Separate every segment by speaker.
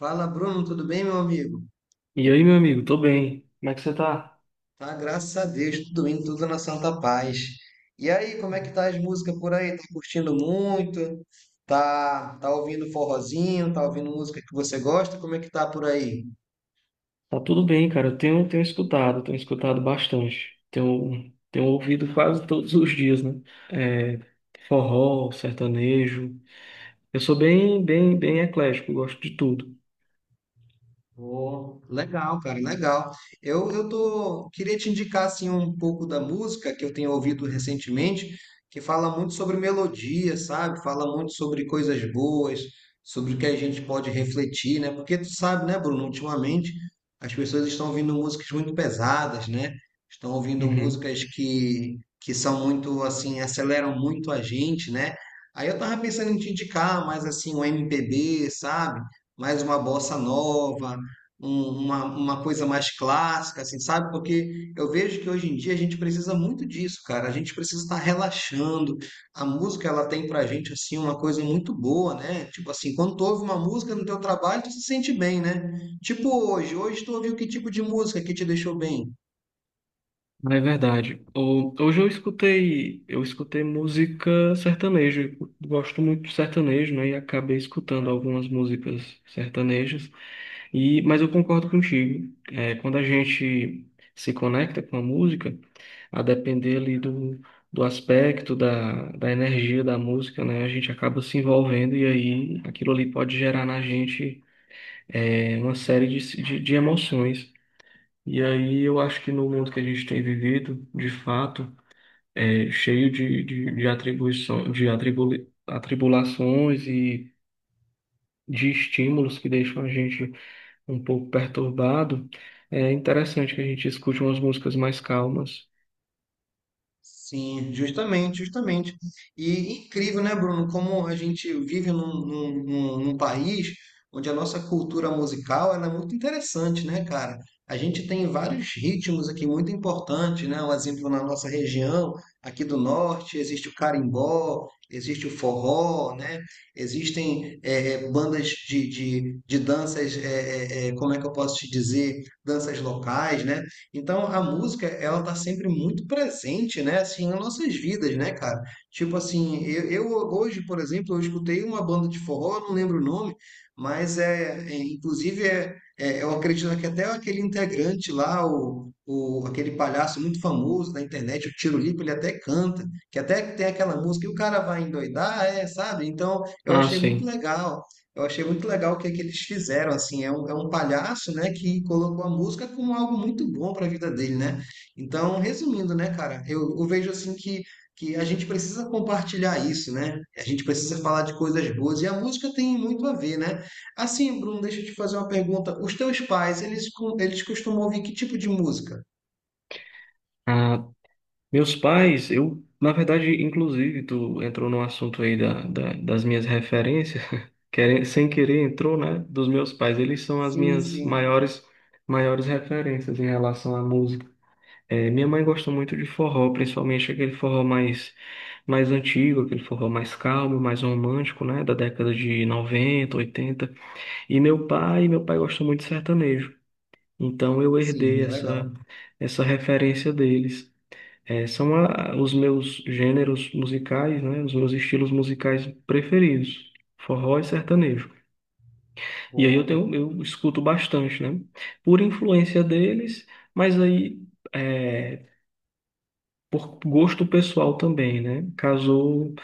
Speaker 1: Fala, Bruno, tudo bem, meu amigo?
Speaker 2: E aí, meu amigo, tô bem. Como é que você tá?
Speaker 1: Tá, graças a Deus, tudo indo, tudo na santa paz. E aí, como é que tá as músicas por aí? Tá curtindo muito? Tá, tá ouvindo forrozinho? Tá ouvindo música que você gosta? Como é que tá por aí?
Speaker 2: Tá tudo bem, cara. Eu tenho escutado bastante. Tenho ouvido quase todos os dias, né? É, forró, sertanejo. Eu sou bem, bem, bem eclético, gosto de tudo.
Speaker 1: Cara, legal. Eu tô, queria te indicar assim um pouco da música que eu tenho ouvido recentemente, que fala muito sobre melodia, sabe? Fala muito sobre coisas boas, sobre o que a gente pode refletir, né? Porque tu sabe, né, Bruno, ultimamente as pessoas estão ouvindo músicas muito pesadas, né? Estão ouvindo músicas que são muito assim, aceleram muito a gente, né? Aí eu tava pensando em te indicar mais assim um MPB, sabe? Mais uma bossa nova, uma coisa mais clássica, assim, sabe? Porque eu vejo que hoje em dia a gente precisa muito disso, cara. A gente precisa estar relaxando. A música, ela tem pra gente, assim, uma coisa muito boa, né? Tipo assim, quando tu ouve uma música no teu trabalho, tu se sente bem, né? Tipo hoje, hoje tu ouviu que tipo de música que te deixou bem?
Speaker 2: Não é verdade. Hoje eu escutei música sertaneja. Eu gosto muito de sertanejo, né? E acabei escutando algumas músicas sertanejas. Mas eu concordo contigo. Quando a gente se conecta com a música, a depender ali do aspecto, da energia da música, né? A gente acaba se envolvendo e aí aquilo ali pode gerar na gente, uma série de emoções. E aí eu acho que no mundo que a gente tem vivido, de fato, é cheio de atribulações e de estímulos que deixam a gente um pouco perturbado. É interessante que a gente escute umas músicas mais calmas.
Speaker 1: Sim, justamente, justamente. E incrível, né, Bruno, como a gente vive num país onde a nossa cultura musical ela é muito interessante, né, cara? A gente tem vários ritmos aqui muito importantes, né? Um exemplo na nossa região, aqui do norte, existe o carimbó, existe o forró, né? Existem bandas de danças, como é que eu posso te dizer? Danças locais, né? Então a música, ela tá sempre muito presente, né, assim, nas nossas vidas, né, cara? Tipo assim, eu hoje, por exemplo, eu escutei uma banda de forró, eu não lembro o nome, mas inclusive eu acredito que até aquele integrante lá, o aquele palhaço muito famoso da internet, o Tiro ele até canta, que até tem aquela música e o cara vai endoidar, é, sabe? Então eu
Speaker 2: Ah,
Speaker 1: achei muito
Speaker 2: sim.
Speaker 1: legal. Eu achei muito legal o que, é que eles fizeram, assim, é um palhaço, né, que colocou a música como algo muito bom para a vida dele, né? Então, resumindo, né, cara, eu vejo assim que a gente precisa compartilhar isso, né? A gente precisa falar de coisas boas e a música tem muito a ver, né? Assim, Bruno, deixa eu te fazer uma pergunta. Os teus pais, eles, eles costumam ouvir que tipo de música?
Speaker 2: Ah, meus pais, eu, na verdade, inclusive, tu entrou no assunto aí das minhas referências, sem querer entrou, né, dos meus pais. Eles são as
Speaker 1: Sim,
Speaker 2: minhas
Speaker 1: sim.
Speaker 2: maiores, maiores referências em relação à música. Minha mãe gosta muito de forró, principalmente aquele forró mais antigo, aquele forró mais calmo, mais romântico, né, da década de 90, 80. E meu pai gosta muito de sertanejo. Então eu herdei
Speaker 1: Sim, legal.
Speaker 2: essa referência deles. São os meus gêneros musicais, né? Os meus estilos musicais preferidos, forró e sertanejo. E aí
Speaker 1: Vou.
Speaker 2: eu escuto bastante, né? Por influência deles, mas aí é, por gosto pessoal também, né? Casou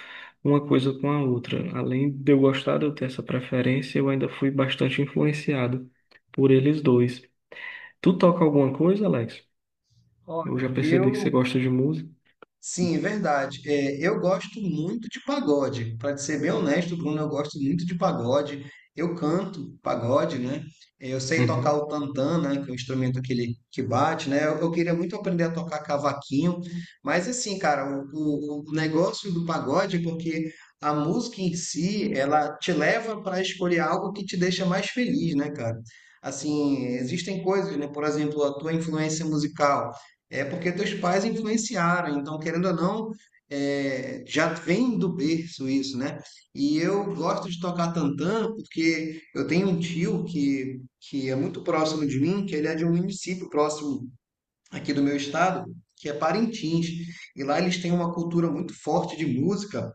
Speaker 2: uma coisa com a outra. Além de eu gostar de eu ter essa preferência, eu ainda fui bastante influenciado por eles dois. Tu toca alguma coisa, Alex? Eu já
Speaker 1: Olha,
Speaker 2: percebi que você
Speaker 1: eu.
Speaker 2: gosta de música.
Speaker 1: Sim, é verdade. É, eu gosto muito de pagode. Para ser bem honesto, Bruno, eu gosto muito de pagode. Eu canto pagode, né? É, eu sei tocar o tantã, né? Que é o instrumento aquele que bate, né? Eu queria muito aprender a tocar cavaquinho, mas assim, cara, o negócio do pagode é porque a música em si, ela te leva para escolher algo que te deixa mais feliz, né, cara? Assim, existem coisas, né? Por exemplo, a tua influência musical. É porque teus pais influenciaram, então, querendo ou não, é, já vem do berço isso, né? E eu gosto de tocar tantã porque eu tenho um tio que é muito próximo de mim, que ele é de um município próximo aqui do meu estado, que é Parintins. E lá eles têm uma cultura muito forte de música,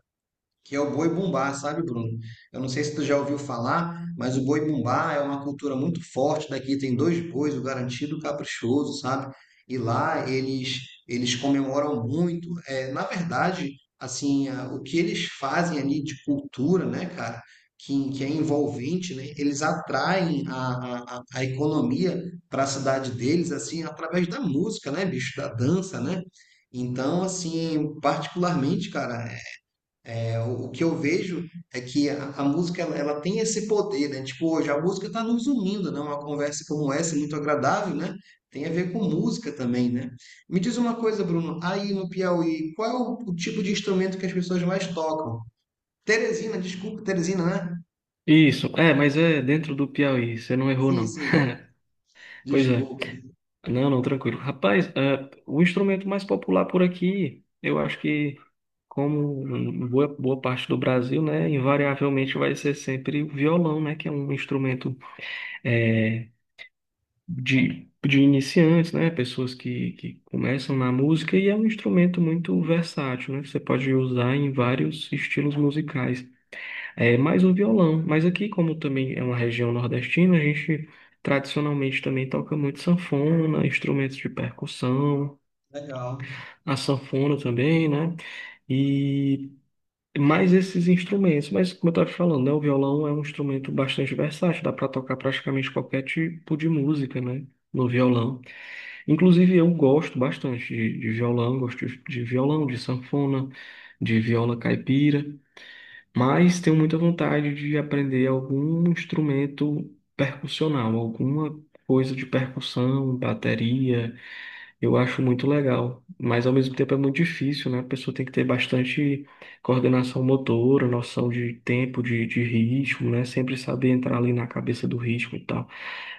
Speaker 1: que é o boi bumbá, sabe, Bruno? Eu não sei se tu já ouviu falar, mas o boi bumbá é uma cultura muito forte daqui. Tem dois bois, o garantido e o caprichoso, sabe? E lá eles comemoram muito. É, na verdade, assim, o que eles fazem ali de cultura, né, cara? Que é envolvente, né? Eles atraem a a economia para a cidade deles, assim, através da música, né, bicho? Da dança, né? Então, assim, particularmente, cara, é, o que eu vejo é que a música ela, ela tem esse poder, né? Tipo, hoje a música está nos unindo, né? Uma conversa como essa, muito agradável, né? Tem a ver com música também, né? Me diz uma coisa, Bruno, aí no Piauí, qual é o tipo de instrumento que as pessoas mais tocam? Teresina, desculpa, Teresina, né?
Speaker 2: Isso, é, mas é dentro do Piauí, você não errou,
Speaker 1: Sim,
Speaker 2: não.
Speaker 1: sim,
Speaker 2: Pois é,
Speaker 1: desculpa.
Speaker 2: não, não, tranquilo. Rapaz, o instrumento mais popular por aqui, eu acho que, como boa parte do Brasil, né, invariavelmente vai ser sempre o violão, né, que é um instrumento, é, de iniciantes, né, pessoas que começam na música, e é um instrumento muito versátil, né, que você pode usar em vários estilos musicais. É mais o violão. Mas aqui, como também é uma região nordestina, a gente tradicionalmente também toca muito sanfona, instrumentos de percussão,
Speaker 1: Legal.
Speaker 2: a sanfona também, né? E mais esses instrumentos. Mas como eu estava te falando, né, o violão é um instrumento bastante versátil, dá para tocar praticamente qualquer tipo de música, né? No violão. Inclusive, eu gosto bastante de violão, de sanfona, de viola caipira. Mas tenho muita vontade de aprender algum instrumento percussional, alguma coisa de percussão, bateria. Eu acho muito legal, mas ao mesmo tempo é muito difícil, né? A pessoa tem que ter bastante coordenação motora, noção de tempo, de ritmo, né? Sempre saber entrar ali na cabeça do ritmo e tal.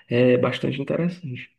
Speaker 2: É bastante interessante.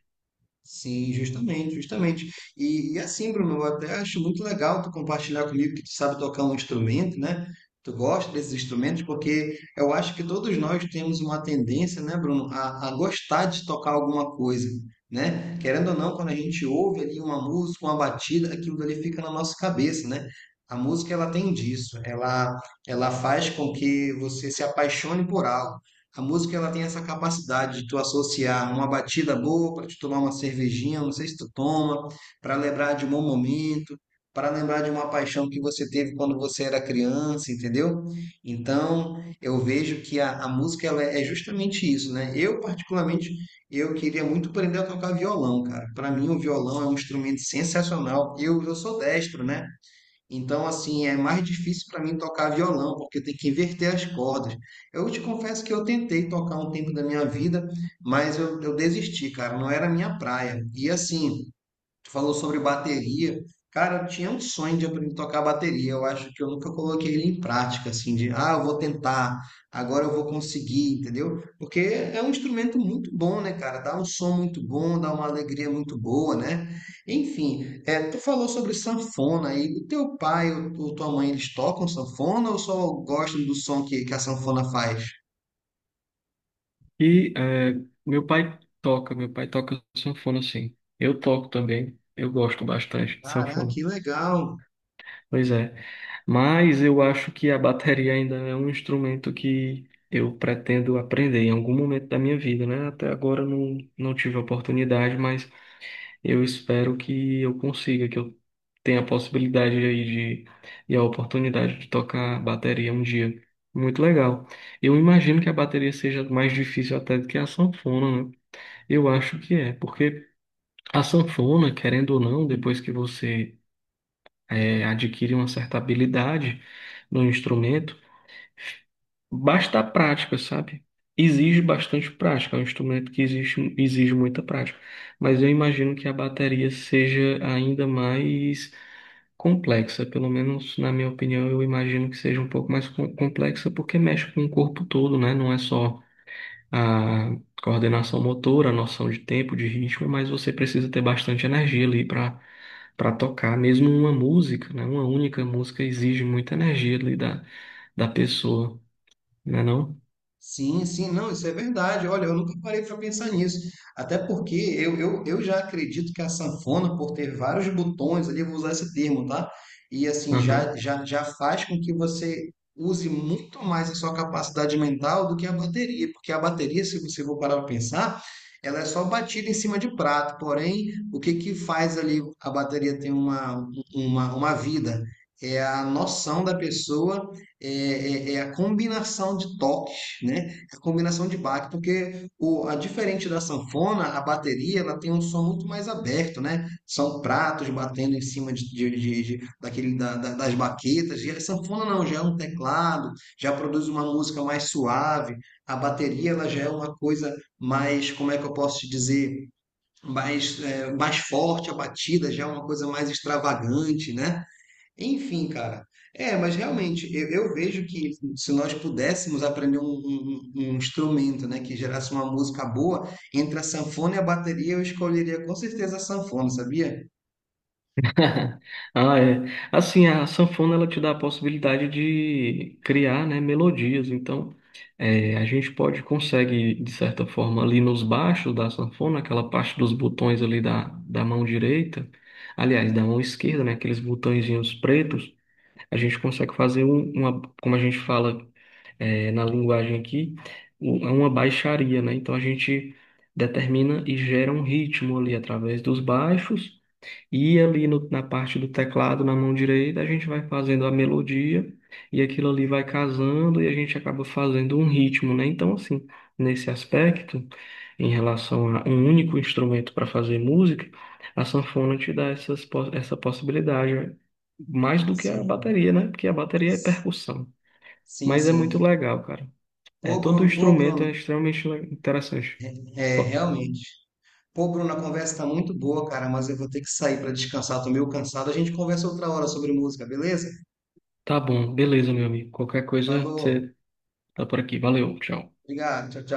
Speaker 1: Sim, justamente, justamente. E assim, Bruno, eu até acho muito legal tu compartilhar comigo que tu sabe tocar um instrumento, né? Tu gosta desses instrumentos, porque eu acho que todos nós temos uma tendência, né, Bruno, a gostar de tocar alguma coisa, né? Querendo ou não, quando a gente ouve ali uma música, uma batida, aquilo ali fica na nossa cabeça, né? A música, ela tem disso, ela faz com que você se apaixone por algo. A música ela tem essa capacidade de tu associar uma batida boa para te tomar uma cervejinha, não sei se tu toma, para lembrar de um bom momento, para lembrar de uma paixão que você teve quando você era criança, entendeu? Então, eu vejo que a música ela é justamente isso, né? Eu particularmente eu queria muito aprender a tocar violão, cara. Para mim o violão é um instrumento sensacional. Eu sou destro, né? Então, assim, é mais difícil para mim tocar violão, porque tem que inverter as cordas. Eu te confesso que eu tentei tocar um tempo da minha vida, mas eu desisti, cara, não era a minha praia. E assim, tu falou sobre bateria. Cara, eu tinha um sonho de aprender a tocar bateria. Eu acho que eu nunca coloquei ele em prática, assim, de, ah, eu vou tentar, agora eu vou conseguir, entendeu? Porque é um instrumento muito bom, né, cara? Dá um som muito bom, dá uma alegria muito boa, né? Enfim, é, tu falou sobre sanfona aí. O teu pai ou tua mãe, eles tocam sanfona ou só gostam do som que a sanfona faz?
Speaker 2: E meu pai toca sanfona, sim. Eu toco também, eu gosto bastante de
Speaker 1: Caraca,
Speaker 2: sanfona.
Speaker 1: que legal!
Speaker 2: Pois é. Mas eu acho que a bateria ainda é um instrumento que eu pretendo aprender em algum momento da minha vida, né? Até agora eu não, não tive a oportunidade, mas eu espero que eu consiga, que eu tenha a possibilidade aí de, e a oportunidade de tocar bateria um dia. Muito legal. Eu imagino que a bateria seja mais difícil até do que a sanfona, né? Eu acho que é, porque a sanfona, querendo ou não, depois que você, adquire uma certa habilidade no instrumento, basta a prática, sabe? Exige bastante prática, é um instrumento que exige muita prática. Mas eu imagino que a bateria seja ainda mais complexa, pelo menos na minha opinião. Eu imagino que seja um pouco mais complexa, porque mexe com o corpo todo, né? Não é só a coordenação motora, a noção de tempo, de ritmo, mas você precisa ter bastante energia ali para tocar. Mesmo uma música, né? Uma única música exige muita energia ali da pessoa, né não?
Speaker 1: Sim, sim, não, isso é verdade. Olha, eu nunca parei para pensar nisso. Até porque eu já acredito que a sanfona, por ter vários botões ali, eu vou usar esse termo, tá? E assim,
Speaker 2: Aham.
Speaker 1: já faz com que você use muito mais a sua capacidade mental do que a bateria. Porque a bateria, se você for parar para pensar, ela é só batida em cima de prato. Porém, o que que faz ali a bateria ter uma, uma vida? É a noção da pessoa é, é a combinação de toques, né? A combinação de baque, porque o, a diferente da sanfona, a bateria, ela tem um som muito mais aberto, né? São pratos batendo em cima de, daquele, das baquetas. E a sanfona não, já é um teclado, já produz uma música mais suave. A bateria, ela já é uma coisa mais, como é que eu posso te dizer? Mais, é, mais forte a batida, já é uma coisa mais extravagante, né? Enfim, cara. É, mas realmente, eu vejo que se nós pudéssemos aprender um, um instrumento, né, que gerasse uma música boa, entre a sanfona e a bateria, eu escolheria com certeza a sanfona, sabia?
Speaker 2: Ah, é. Assim, a sanfona ela te dá a possibilidade de criar, né, melodias. Então, a gente pode consegue de certa forma ali nos baixos da sanfona, aquela parte dos botões ali da mão direita, aliás, da mão esquerda, né, aqueles botõezinhos pretos. A gente consegue fazer uma, como a gente fala, na linguagem aqui, uma baixaria, né? Então a gente determina e gera um ritmo ali através dos baixos, e ali na parte do teclado, na mão direita, a gente vai fazendo a melodia, e aquilo ali vai casando e a gente acaba fazendo um ritmo, né? Então, assim, nesse aspecto, em relação a um único instrumento para fazer música, a sanfona te dá essa possibilidade, mais do que a
Speaker 1: Sim.
Speaker 2: bateria, né? Porque a bateria é percussão.
Speaker 1: Sim,
Speaker 2: Mas é
Speaker 1: sim.
Speaker 2: muito legal, cara. Todo
Speaker 1: Pô,
Speaker 2: instrumento é
Speaker 1: Bruno,
Speaker 2: extremamente interessante.
Speaker 1: é,
Speaker 2: Pô,
Speaker 1: realmente. Pô, Bruno, a conversa tá muito boa, cara, mas eu vou ter que sair para descansar, tô meio cansado. A gente conversa outra hora sobre música, beleza?
Speaker 2: tá bom, beleza, meu amigo. Qualquer coisa,
Speaker 1: Falou,
Speaker 2: você tá por aqui. Valeu, tchau.
Speaker 1: obrigado, tchau, tchau.